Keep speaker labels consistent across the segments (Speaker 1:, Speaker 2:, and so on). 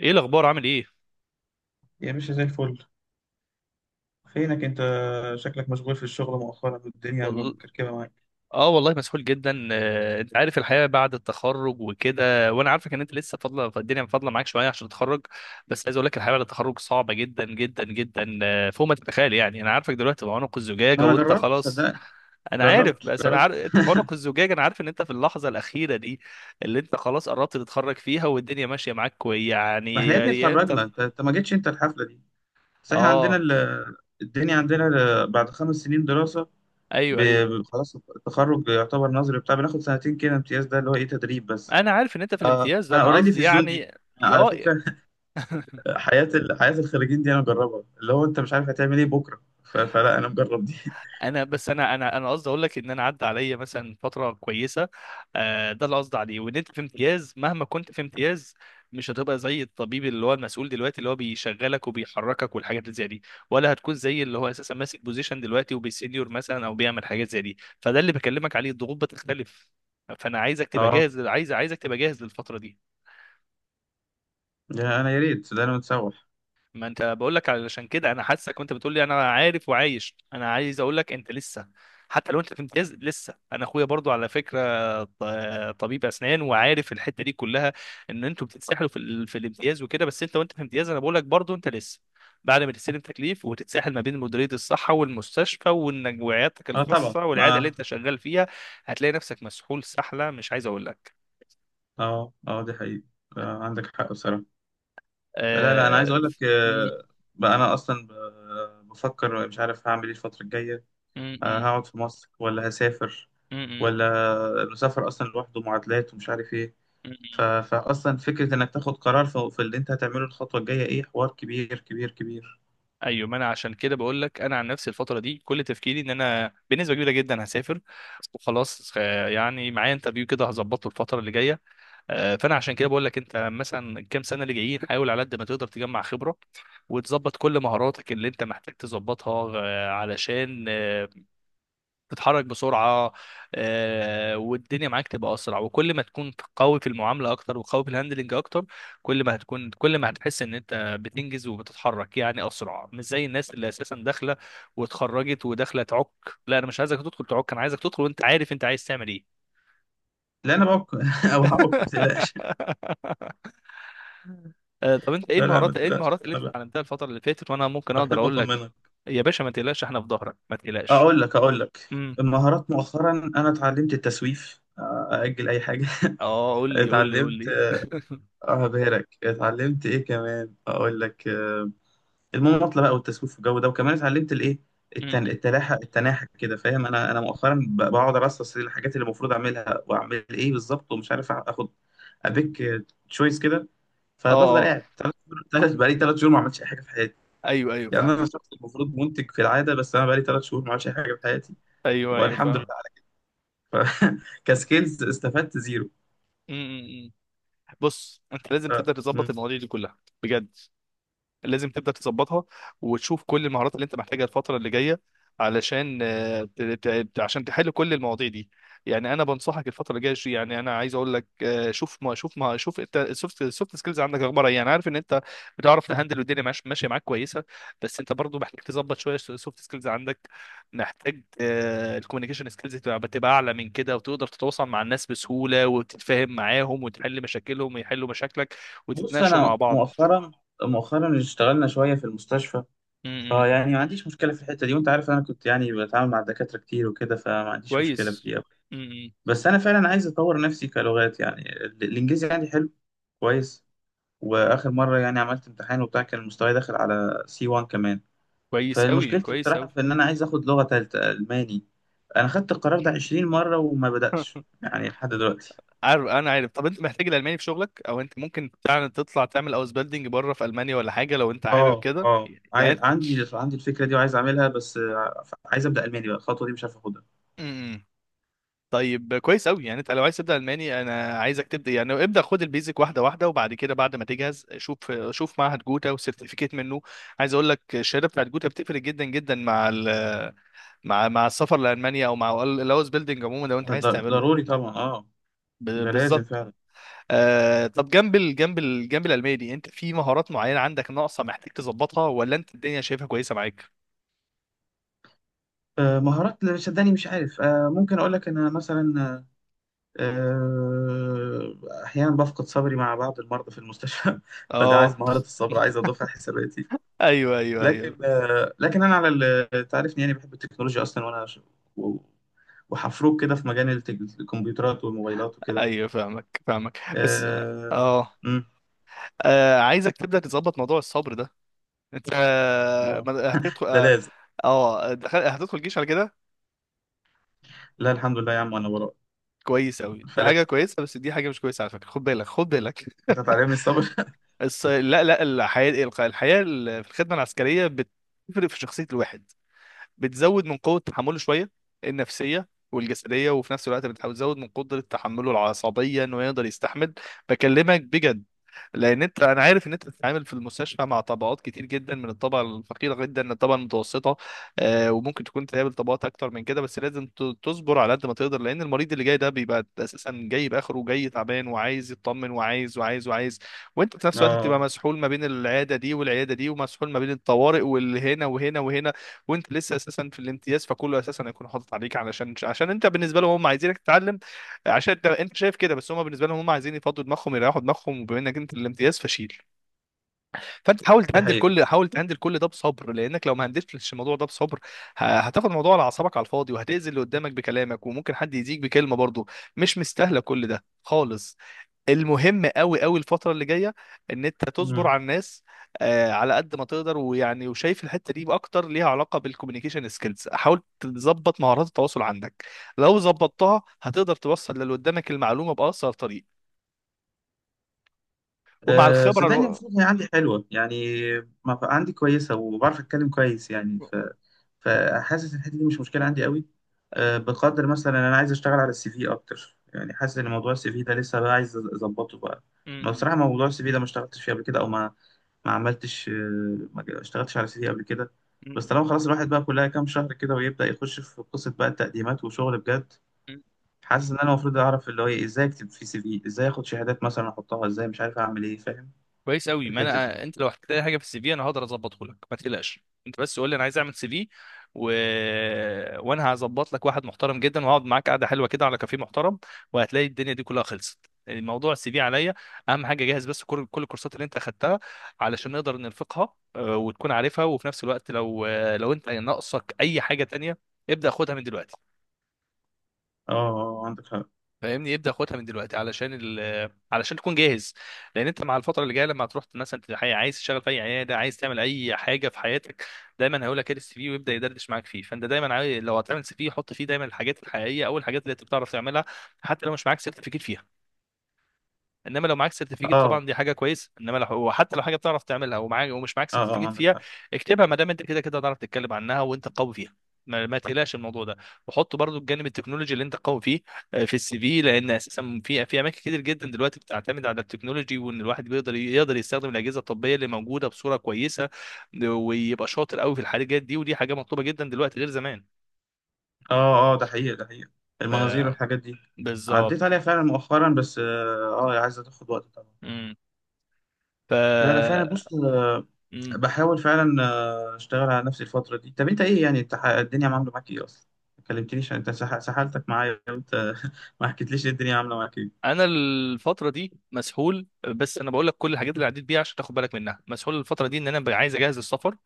Speaker 1: ايه الاخبار، عامل ايه؟
Speaker 2: يا باشا، زي الفل. فينك انت؟ شكلك مشغول في الشغل مؤخرا والدنيا
Speaker 1: والله.
Speaker 2: مكركبه معاك.
Speaker 1: اه والله مسحول جدا، انت عارف الحياه بعد التخرج وكده، وانا عارفك ان انت لسه الدنيا فاضله معاك شويه عشان تتخرج. بس عايز اقول لك الحياه بعد التخرج صعبه جدا جدا جدا، فوق ما تتخيل. يعني انا عارفك دلوقتي في عنق الزجاجه
Speaker 2: ما انا
Speaker 1: وانت
Speaker 2: جربت،
Speaker 1: خلاص.
Speaker 2: صدقني.
Speaker 1: انا عارف،
Speaker 2: جربت
Speaker 1: بس انا
Speaker 2: جربت
Speaker 1: عارف انت في عنق الزجاجه. انا عارف ان انت في اللحظه الاخيره دي، اللي انت خلاص قربت تتخرج فيها، والدنيا ماشيه معاك كويس.
Speaker 2: ما
Speaker 1: يعني
Speaker 2: احنا يا ابني
Speaker 1: يعني انت.
Speaker 2: اتخرجنا. انت ما جيتش انت الحفله دي. بس احنا عندنا
Speaker 1: اه،
Speaker 2: ال... الدنيا عندنا ال... بعد خمس سنين دراسه،
Speaker 1: ايوه، ايوه.
Speaker 2: خلاص التخرج يعتبر نظري بتاع، بناخد سنتين كده امتياز، ده اللي هو ايه، تدريب بس.
Speaker 1: انا عارف ان انت في
Speaker 2: آه،
Speaker 1: الامتياز ده،
Speaker 2: فانا
Speaker 1: انا
Speaker 2: اوريدي في
Speaker 1: قصدي
Speaker 2: الزون دي،
Speaker 1: يعني.
Speaker 2: على
Speaker 1: اه
Speaker 2: فكره حياه ال... حياه الخريجين دي انا مجربها، اللي هو انت مش عارف هتعمل ايه بكره، فلا، انا مجرب دي
Speaker 1: انا بس انا قصدي اقول لك ان انا عدى عليا مثلا فتره كويسه. ده اللي قصدي عليه. وان انت في امتياز، مهما كنت في امتياز، مش هتبقى زي الطبيب اللي هو المسؤول دلوقتي، اللي هو بيشغلك وبيحركك والحاجات اللي زي دي. ولا هتكون زي اللي هو اساسا ماسك بوزيشن دلوقتي وبيسينيور مثلا، او بيعمل حاجات زي دي. فده اللي بكلمك عليه، الضغوط بتختلف. فانا عايزك تبقى
Speaker 2: اه،
Speaker 1: جاهز عايز عايزك تبقى جاهز للفتره دي.
Speaker 2: يا انا يا ريت، ده انا متسوح.
Speaker 1: ما انت بقول لك علشان كده. انا حاسك وانت بتقول لي انا عارف وعايش، انا عايز اقول لك انت لسه، حتى لو انت في امتياز لسه، انا اخويا برضو على فكره. ط- طبيب اسنان وعارف الحته دي كلها، ان انتوا بتتسحلوا في الامتياز وكده. بس انت، وانت في امتياز، انا بقول لك برضو انت لسه، بعد ما تستلم تكليف وتتسحل ما بين مديريه الصحه والمستشفى، وانك وعيادتك
Speaker 2: اه طبعا،
Speaker 1: الخاصه والعياده اللي
Speaker 2: ما.
Speaker 1: انت شغال فيها، هتلاقي نفسك مسحول سحله مش عايز اقول لك.
Speaker 2: اه اه، دي حقيقة. آه، عندك حق بصراحة. لا لا، انا عايز
Speaker 1: آه...
Speaker 2: اقول لك
Speaker 1: ف- م-
Speaker 2: بقى انا اصلا بفكر مش عارف هعمل ايه الفترة الجاية. آه،
Speaker 1: م-
Speaker 2: هقعد في مصر ولا هسافر؟
Speaker 1: م-
Speaker 2: ولا، المسافر اصلا لوحده معادلات ومش عارف ايه.
Speaker 1: م- م-
Speaker 2: فاصلا فكرة انك تاخد قرار في اللي انت هتعمله، الخطوة الجاية ايه، حوار كبير كبير كبير.
Speaker 1: ايوه، ما انا عشان كده بقول لك. انا عن نفسي الفتره دي كل تفكيري ان انا بنسبه كبيره جدا هسافر وخلاص. يعني معايا انترفيو كده هظبطه الفتره اللي جايه. فانا عشان كده بقول لك، انت مثلا الكام سنه اللي جايين، حاول على قد ما تقدر تجمع خبره وتظبط كل مهاراتك اللي انت محتاج تظبطها، علشان تتحرك بسرعه. والدنيا معاك تبقى اسرع. وكل ما تكون قوي في المعامله اكتر وقوي في الهاندلنج اكتر، كل ما هتحس ان انت بتنجز وبتتحرك يعني اسرع، مش زي الناس اللي اساسا داخله واتخرجت وداخله تعك. لا، انا مش عايزك تدخل تعك، انا عايزك تدخل وانت عارف انت عايز تعمل ايه.
Speaker 2: لا انا بعك او هعك، ما تقلقش.
Speaker 1: طب انت ايه
Speaker 2: لا لا، ما
Speaker 1: المهارات ايه
Speaker 2: تقلقش.
Speaker 1: المهارات اللي انت
Speaker 2: انا ب-
Speaker 1: اتعلمتها الفتره اللي فاتت، وانا ممكن اقدر
Speaker 2: بحب
Speaker 1: اقول لك.
Speaker 2: اطمنك.
Speaker 1: يا باشا، ما تقلقش، احنا في ظهرك، ما تقلقش.
Speaker 2: اقول لك.
Speaker 1: امم
Speaker 2: المهارات مؤخرا، انا اتعلمت التسويف، اجل اي حاجه
Speaker 1: اه، قول لي قول لي قول
Speaker 2: اتعلمت
Speaker 1: لي.
Speaker 2: اه، بهرك اتعلمت ايه كمان، اقول لك المماطله بقى والتسويف والجو ده، وكمان اتعلمت الايه، التن...
Speaker 1: امم
Speaker 2: التلاحة التناحة كده، فاهم؟ انا مؤخرا بقعد ارصص الحاجات اللي المفروض اعملها واعمل ايه بالظبط، ومش عارف اخد ابيك، تشويس كده. فبفضل
Speaker 1: اه،
Speaker 2: قاعد ثلاث، بقالي ثلاث شهور ما عملتش اي حاجه في حياتي.
Speaker 1: ايوه، ايوه،
Speaker 2: يعني انا
Speaker 1: فاهمه.
Speaker 2: شخص المفروض منتج في العاده، بس انا بقالي ثلاث شهور ما عملتش اي حاجه في حياتي،
Speaker 1: ايوه، ايوه،
Speaker 2: والحمد
Speaker 1: فاهمه.
Speaker 2: كسكيلز استفدت زيرو.
Speaker 1: م- م- م. بص، انت لازم
Speaker 2: ف-
Speaker 1: تبدا تظبط
Speaker 2: مم.
Speaker 1: المواضيع دي كلها بجد. لازم تبدا تظبطها وتشوف كل المهارات اللي انت محتاجها الفتره اللي جايه، علشان آه، ت- ت- عشان تحل كل المواضيع دي. يعني انا بنصحك الفتره اللي جايه، يعني انا عايز اقول لك، شوف ما شوف ما شوف انت السوفت سكيلز عندك اخبارها ايه. يعني عارف ان انت بتعرف تهندل، والدنيا ماشيه معاك كويسه، بس انت برضو محتاج تظبط شويه السوفت سكيلز عندك. محتاج الكوميونيكيشن سكيلز تبقى اعلى من كده، وتقدر تتواصل مع الناس بسهوله، وتتفاهم معاهم وتحل مشاكلهم ويحلوا مشاكلك،
Speaker 2: بص،
Speaker 1: وتتناقشوا مع
Speaker 2: انا
Speaker 1: بعض.
Speaker 2: مؤخرا مؤخرا اشتغلنا شويه في المستشفى.
Speaker 1: م- م.
Speaker 2: فيعني ما عنديش مشكله في الحته دي، وانت عارف انا كنت يعني بتعامل مع الدكاتره كتير وكده، فما عنديش مشكله في
Speaker 1: كويس.
Speaker 2: دي أوي.
Speaker 1: امم
Speaker 2: بس انا فعلا عايز اطور نفسي كلغات. يعني الانجليزي عندي حلو، كويس. واخر مره يعني عملت امتحان وبتاع، كان المستوى داخل على سي 1 كمان.
Speaker 1: كويس قوي،
Speaker 2: فمشكلتي
Speaker 1: كويس
Speaker 2: بصراحه
Speaker 1: قوي.
Speaker 2: في ان انا عايز اخد لغه ثالثه، الماني. انا خدت القرار ده 20 مره وما بداتش يعني لحد دلوقتي.
Speaker 1: انا عارف. طب انت محتاج الالماني في شغلك؟ او انت ممكن فعلا تطلع تعمل اوس بيلدينج بره في المانيا ولا حاجه لو انت حابب
Speaker 2: اه
Speaker 1: كده؟
Speaker 2: اه،
Speaker 1: يعني انت.
Speaker 2: عندي الفكره دي وعايز اعملها، بس عايز ابدا الماني بقى، الخطوه دي مش عارف اخدها.
Speaker 1: إمم. طيب، كويس قوي. يعني انت لو عايز تبدا الماني، انا عايزك تبدا يعني ابدا خد البيزك واحده واحده، وبعد كده بعد ما تجهز شوف معهد جوتا وسيرتيفيكيت منه. عايز اقول لك الشهاده بتاعت جوتا بتفرق جدا جدا مع السفر لالمانيا، او مع الاوس بيلدينج عموما لو انت عايز تعمله.
Speaker 2: ضروري طبعا، اه. ده لازم
Speaker 1: بالظبط.
Speaker 2: فعلا.
Speaker 1: طب جنب العلمية دي، انت في مهارات معينة عندك ناقصة محتاج تظبطها، ولا انت الدنيا شايفها كويسة معاك؟
Speaker 2: مهارات اللي شداني، مش عارف ممكن اقول لك ان انا مثلا آه، احيانا بفقد صبري مع بعض المرضى في المستشفى فده عايز
Speaker 1: اه،
Speaker 2: مهاره الصبر، عايز اضيفها حساباتي.
Speaker 1: ايوه، ايوه،
Speaker 2: لكن
Speaker 1: ايوه،
Speaker 2: لكن انا على تعرفني يعني، بحب التكنولوجيا اصلا، وانا و- وحفروك كده في مجال الكمبيوترات والموبايلات وكده.
Speaker 1: ايوه، فاهمك، فاهمك. بس
Speaker 2: اه.
Speaker 1: اه
Speaker 2: مم.
Speaker 1: عايزك تبدأ تظبط موضوع الصبر ده. انت
Speaker 2: آه.
Speaker 1: هتدخل.
Speaker 2: ده لازم.
Speaker 1: هتدخل جيش على كده.
Speaker 2: لا الحمد لله يا عم، انا وراك.
Speaker 1: كويس قوي، دي
Speaker 2: فلت،
Speaker 1: حاجة كويسة، بس دي حاجة مش كويسة على فكرة، خد بالك، خد بالك.
Speaker 2: كانت هتعلمني الصبر
Speaker 1: لا، لا، الحياة في الخدمة العسكرية بتفرق في شخصية الواحد، بتزود من قوة تحمله شوية، النفسية والجسدية، وفي نفس الوقت بتحاول تزود من قدرة تحمله العصبية انه يقدر يستحمل. بكلمك بجد. لان انا عارف ان انت بتتعامل في المستشفى مع طبقات كتير جدا، من الطبقه الفقيره جدا للطبقه المتوسطه. وممكن تكون تقابل طبقات اكتر من كده، بس لازم تصبر على قد ما تقدر. لان المريض اللي جاي ده بيبقى اساسا جاي باخره، وجاي تعبان وعايز يطمن، وعايز وعايز وعايز. وانت في نفس الوقت بتبقى
Speaker 2: اه،
Speaker 1: مسحول ما بين العياده دي والعياده دي، ومسحول ما بين الطوارئ واللي هنا وهنا وهنا. وانت لسه اساسا في الامتياز، فكله اساسا هيكون حاطط عليك، عشان انت بالنسبه لهم هم عايزينك تتعلم، عشان انت شايف كده. بس هم بالنسبه لهم هم عايزين يفضوا دماغهم، يريحوا دماغهم. وبما انك انت الامتياز فشيل، فانت حاول
Speaker 2: دي
Speaker 1: تهندل
Speaker 2: حقيقة.
Speaker 1: كل حاول تهندل كل ده بصبر. لانك لو ما هندلتش الموضوع ده بصبر، هتاخد الموضوع على اعصابك على الفاضي، وهتاذي اللي قدامك بكلامك، وممكن حد يزيك بكلمه برضه. مش مستاهله كل ده خالص. المهم قوي قوي الفترة اللي جاية، ان انت تصبر
Speaker 2: مم.
Speaker 1: على الناس على قد ما تقدر. ويعني، وشايف الحتة دي اكتر ليها علاقة بالكوميونيكيشن سكيلز، حاول تظبط مهارات التواصل عندك. لو ظبطتها هتقدر توصل للي قدامك المعلومة بأسرع طريق. ومع
Speaker 2: أه
Speaker 1: الخبرة
Speaker 2: صدقني، المفروض هي عندي حلوة يعني. ما بقى عندي كويسة وبعرف أتكلم كويس يعني، فحاسس إن الحتة دي مش مشكلة عندي قوي. أه بقدر مثلا أنا عايز أشتغل على السي في أكتر. يعني حاسس إن موضوع السي في ده لسه بقى عايز أظبطه بقى. ما
Speaker 1: مم.
Speaker 2: بصراحة موضوع السي في ده ما اشتغلتش فيه قبل كده، أو ما عملتش، ما اشتغلتش على السي في قبل كده. بس طالما خلاص الواحد بقى، كلها كام شهر كده ويبدأ يخش في قصة بقى التقديمات وشغل بجد.
Speaker 1: مم.
Speaker 2: حاسس ان انا المفروض اعرف اللي هو إيه، ازاي اكتب في سي في، ازاي اخد شهادات مثلا احطها، ازاي مش عارف اعمل ايه، فاهم؟
Speaker 1: كويس قوي. ما
Speaker 2: الحته دي.
Speaker 1: انا انت لو احتجت اي حاجه في السي في، انا هقدر اظبطه لك، ما تقلقش. انت بس قول لي انا عايز اعمل سي في، و... وانا هظبط لك واحد محترم جدا، وهقعد معاك قعده حلوه كده على كافيه محترم، وهتلاقي الدنيا دي كلها خلصت. الموضوع السي في عليا. اهم حاجه جهز بس كل الكورسات اللي انت اخدتها علشان نقدر نرفقها، وتكون عارفها. وفي نفس الوقت لو لو انت ناقصك اي حاجه تانية، ابدا خدها من دلوقتي.
Speaker 2: اه عندك حق.
Speaker 1: فاهمني، يبدا ياخدها من دلوقتي علشان تكون جاهز. لان انت مع الفتره اللي جايه، لما تروح مثلا عايز تشتغل في اي عياده، عايز تعمل اي حاجه في حياتك، دايما هيقول لك ايه السي في، ويبدا يدردش معاك فيه. فانت دايما عايز، لو هتعمل سي في حط فيه دايما الحاجات الحقيقيه، او الحاجات اللي انت بتعرف تعملها حتى لو مش معاك سيرتيفيكيت فيها. انما لو معاك
Speaker 2: اه
Speaker 1: سيرتيفيكت
Speaker 2: اه
Speaker 1: طبعا دي حاجه كويسه. انما لو وحتى لو حاجه بتعرف تعملها ومعاك ومش معاك
Speaker 2: اه،
Speaker 1: سيرتيفيكت
Speaker 2: عندك
Speaker 1: فيها،
Speaker 2: حق.
Speaker 1: اكتبها، ما دام انت كده كده هتعرف تتكلم عنها وانت قوي فيها. ما تقلقش من الموضوع ده. وحط برضو الجانب التكنولوجي اللي انت قوي فيه في السي في. لان اساسا في اماكن كتير جدا دلوقتي بتعتمد على التكنولوجي، وان الواحد بيقدر يستخدم الاجهزه الطبيه اللي موجوده بصوره كويسه، ويبقى شاطر قوي في الحاجات دي. ودي حاجه مطلوبه جدا دلوقتي، غير زمان.
Speaker 2: اه اه، ده حقيقه، ده حقيقه.
Speaker 1: ف
Speaker 2: المناظير والحاجات دي عديت
Speaker 1: بالظبط.
Speaker 2: عليها فعلا مؤخرا، بس اه، عايزه تاخد وقت طبعا.
Speaker 1: امم ف
Speaker 2: لا لا، فعلا. بص
Speaker 1: مم.
Speaker 2: بحاول فعلا اشتغل على نفسي الفتره دي. طب انت ايه يعني، انت الدنيا عامله معاك ايه اصلا؟ ما كلمتنيش، انت سحلتك معايا وانت ما حكيتليش إيه الدنيا عامله معاك ايه.
Speaker 1: انا الفتره دي مسحول، بس انا بقول لك كل الحاجات اللي عديت بيها عشان تاخد بالك منها. مسحول الفتره دي ان انا عايز اجهز السفر،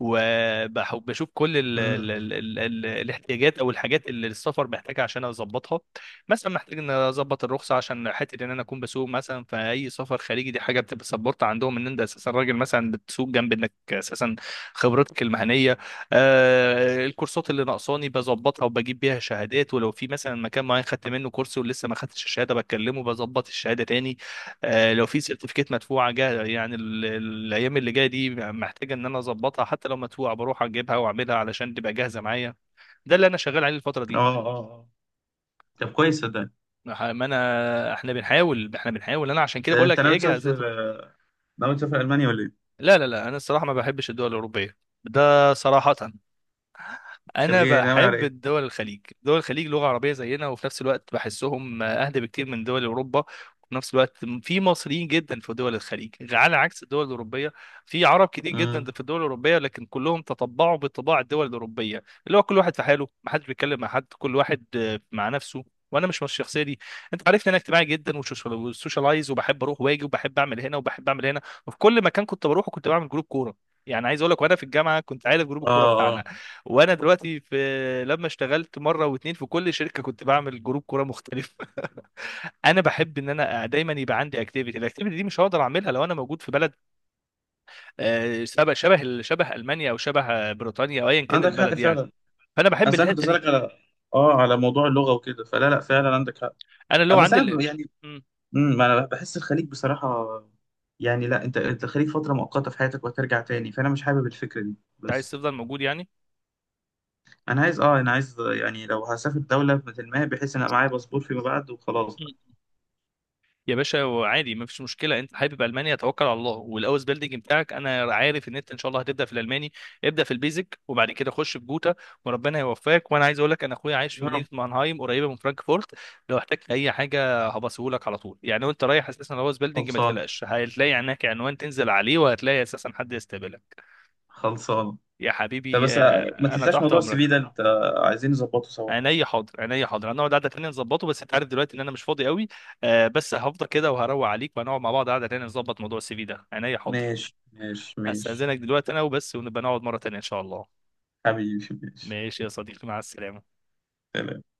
Speaker 1: وبشوف كل ال
Speaker 2: مم.
Speaker 1: ال ال ال ال الاحتياجات او الحاجات اللي السفر محتاجها عشان اظبطها. مثلا محتاج ان اظبط الرخصه عشان حته ان انا اكون بسوق مثلا في اي سفر خارجي. دي حاجه بتبقى سبورت عندهم ان انت اساسا راجل مثلا بتسوق، جنب انك اساسا خبرتك المهنيه. الكورسات اللي ناقصاني بظبطها وبجيب بيها شهادات. ولو في مثلا مكان معين خدت منه كورس ولسه ما خدتش الشهاده، بكلمه بظبط الشهاده تاني. لو في سيرتيفيكات مدفوعه جاهزه، يعني الايام اللي جايه دي محتاجه ان انا اظبطها، حتى لو مدفوعه بروح اجيبها واعملها علشان تبقى جاهزه معايا. ده اللي انا شغال عليه الفتره دي.
Speaker 2: اه اه اه، طب كويس، صدقني.
Speaker 1: ما انا احنا بنحاول، احنا بنحاول، انا عشان كده
Speaker 2: ده
Speaker 1: بقول
Speaker 2: انت
Speaker 1: لك
Speaker 2: ناوي
Speaker 1: اجهز.
Speaker 2: تسافر؟ ناوي تسافر المانيا ولا ايه؟
Speaker 1: لا، لا، لا، انا الصراحه ما بحبش الدول الاوروبيه. ده صراحه.
Speaker 2: تبقى
Speaker 1: انا
Speaker 2: ايه، ناوي على
Speaker 1: بحب
Speaker 2: ايه؟
Speaker 1: الدول الخليج دول الخليج لغه عربيه زينا، وفي نفس الوقت بحسهم اهدى بكتير من دول اوروبا. وفي نفس الوقت في مصريين جدا في دول الخليج، على عكس الدول الاوروبيه. في عرب كتير جدا
Speaker 2: امم،
Speaker 1: في الدول الاوروبيه، لكن كلهم تطبعوا بطباع الدول الاوروبيه، اللي هو كل واحد في حاله، ما حدش بيتكلم مع حد، كل واحد مع نفسه. وانا مش من الشخصيه دي. انت عارفني انا اجتماعي جدا، وسوشيالايز، وبحب اروح واجي، وبحب اعمل هنا وبحب اعمل هنا. وفي كل مكان كنت بروحه كنت بعمل جروب كوره. يعني عايز اقول لك، وانا في الجامعه كنت عارف جروب
Speaker 2: اه
Speaker 1: الكوره
Speaker 2: اه،
Speaker 1: بتاعنا. وانا دلوقتي في. لما اشتغلت مره واتنين في كل شركه كنت بعمل جروب كوره مختلف. انا بحب ان انا دايما يبقى عندي اكتيفيتي. الاكتيفيتي دي مش هقدر اعملها لو انا موجود في بلد شبه المانيا، او شبه بريطانيا، او ايا كان
Speaker 2: عندك حق
Speaker 1: البلد يعني.
Speaker 2: فعلا.
Speaker 1: فانا بحب
Speaker 2: اصل انا كنت
Speaker 1: الحته دي.
Speaker 2: اسالك على اه، على موضوع اللغه وكده، فلا لا، فعلا عندك حق.
Speaker 1: انا اللغه
Speaker 2: بس
Speaker 1: عندي
Speaker 2: يعني،
Speaker 1: مم.
Speaker 2: امم، ما انا بحس الخليج بصراحه. يعني لا، انت انت الخليج فتره مؤقته في حياتك وهترجع تاني، فانا مش حابب الفكره دي.
Speaker 1: انت عايز
Speaker 2: بس
Speaker 1: تفضل موجود يعني؟
Speaker 2: انا عايز اه، انا عايز يعني لو هسافر دوله مثل ما هي، بحيث ان أبقى معايا باسبور فيما بعد وخلاص بقى.
Speaker 1: يا باشا، وعادي، ما فيش مشكله. انت حابب المانيا، توكل على الله والاوس بيلدينج بتاعك. انا عارف ان انت ان شاء الله هتبدا في الالماني. ابدا في البيزك، وبعد كده خش في جوتا، وربنا يوفقك. وانا عايز اقول لك، انا اخويا عايش
Speaker 2: يا
Speaker 1: في مدينه
Speaker 2: رب.
Speaker 1: مانهايم، قريبه من فرانكفورت. لو احتجت اي حاجه هبصهولك على طول. يعني وانت رايح اساسا الاوس بيلدينج ما
Speaker 2: خلصان،
Speaker 1: تقلقش، هتلاقي هناك عنوان تنزل عليه، وهتلاقي اساسا حد يستقبلك.
Speaker 2: خلصان.
Speaker 1: يا
Speaker 2: طب
Speaker 1: حبيبي.
Speaker 2: بس ما
Speaker 1: انا
Speaker 2: تنساش
Speaker 1: تحت
Speaker 2: موضوع السي
Speaker 1: امرك.
Speaker 2: في ده، انت عايزين نظبطه سوا.
Speaker 1: عينيا حاضر، عينيا حاضر، هنقعد قعده تانيه نظبطه، بس انت عارف دلوقتي ان انا مش فاضي قوي. بس هفضل كده وهروق عليك، وهنقعد مع بعض قعده تانيه نظبط موضوع السي في ده. عينيا حاضر.
Speaker 2: ماشي ماشي ماشي.
Speaker 1: هستأذنك دلوقتي انا وبس، ونبقى نقعد مره تانيه ان شاء الله.
Speaker 2: حبيبي، ماشي.
Speaker 1: ماشي يا صديقي، مع السلامه.
Speaker 2: سلام.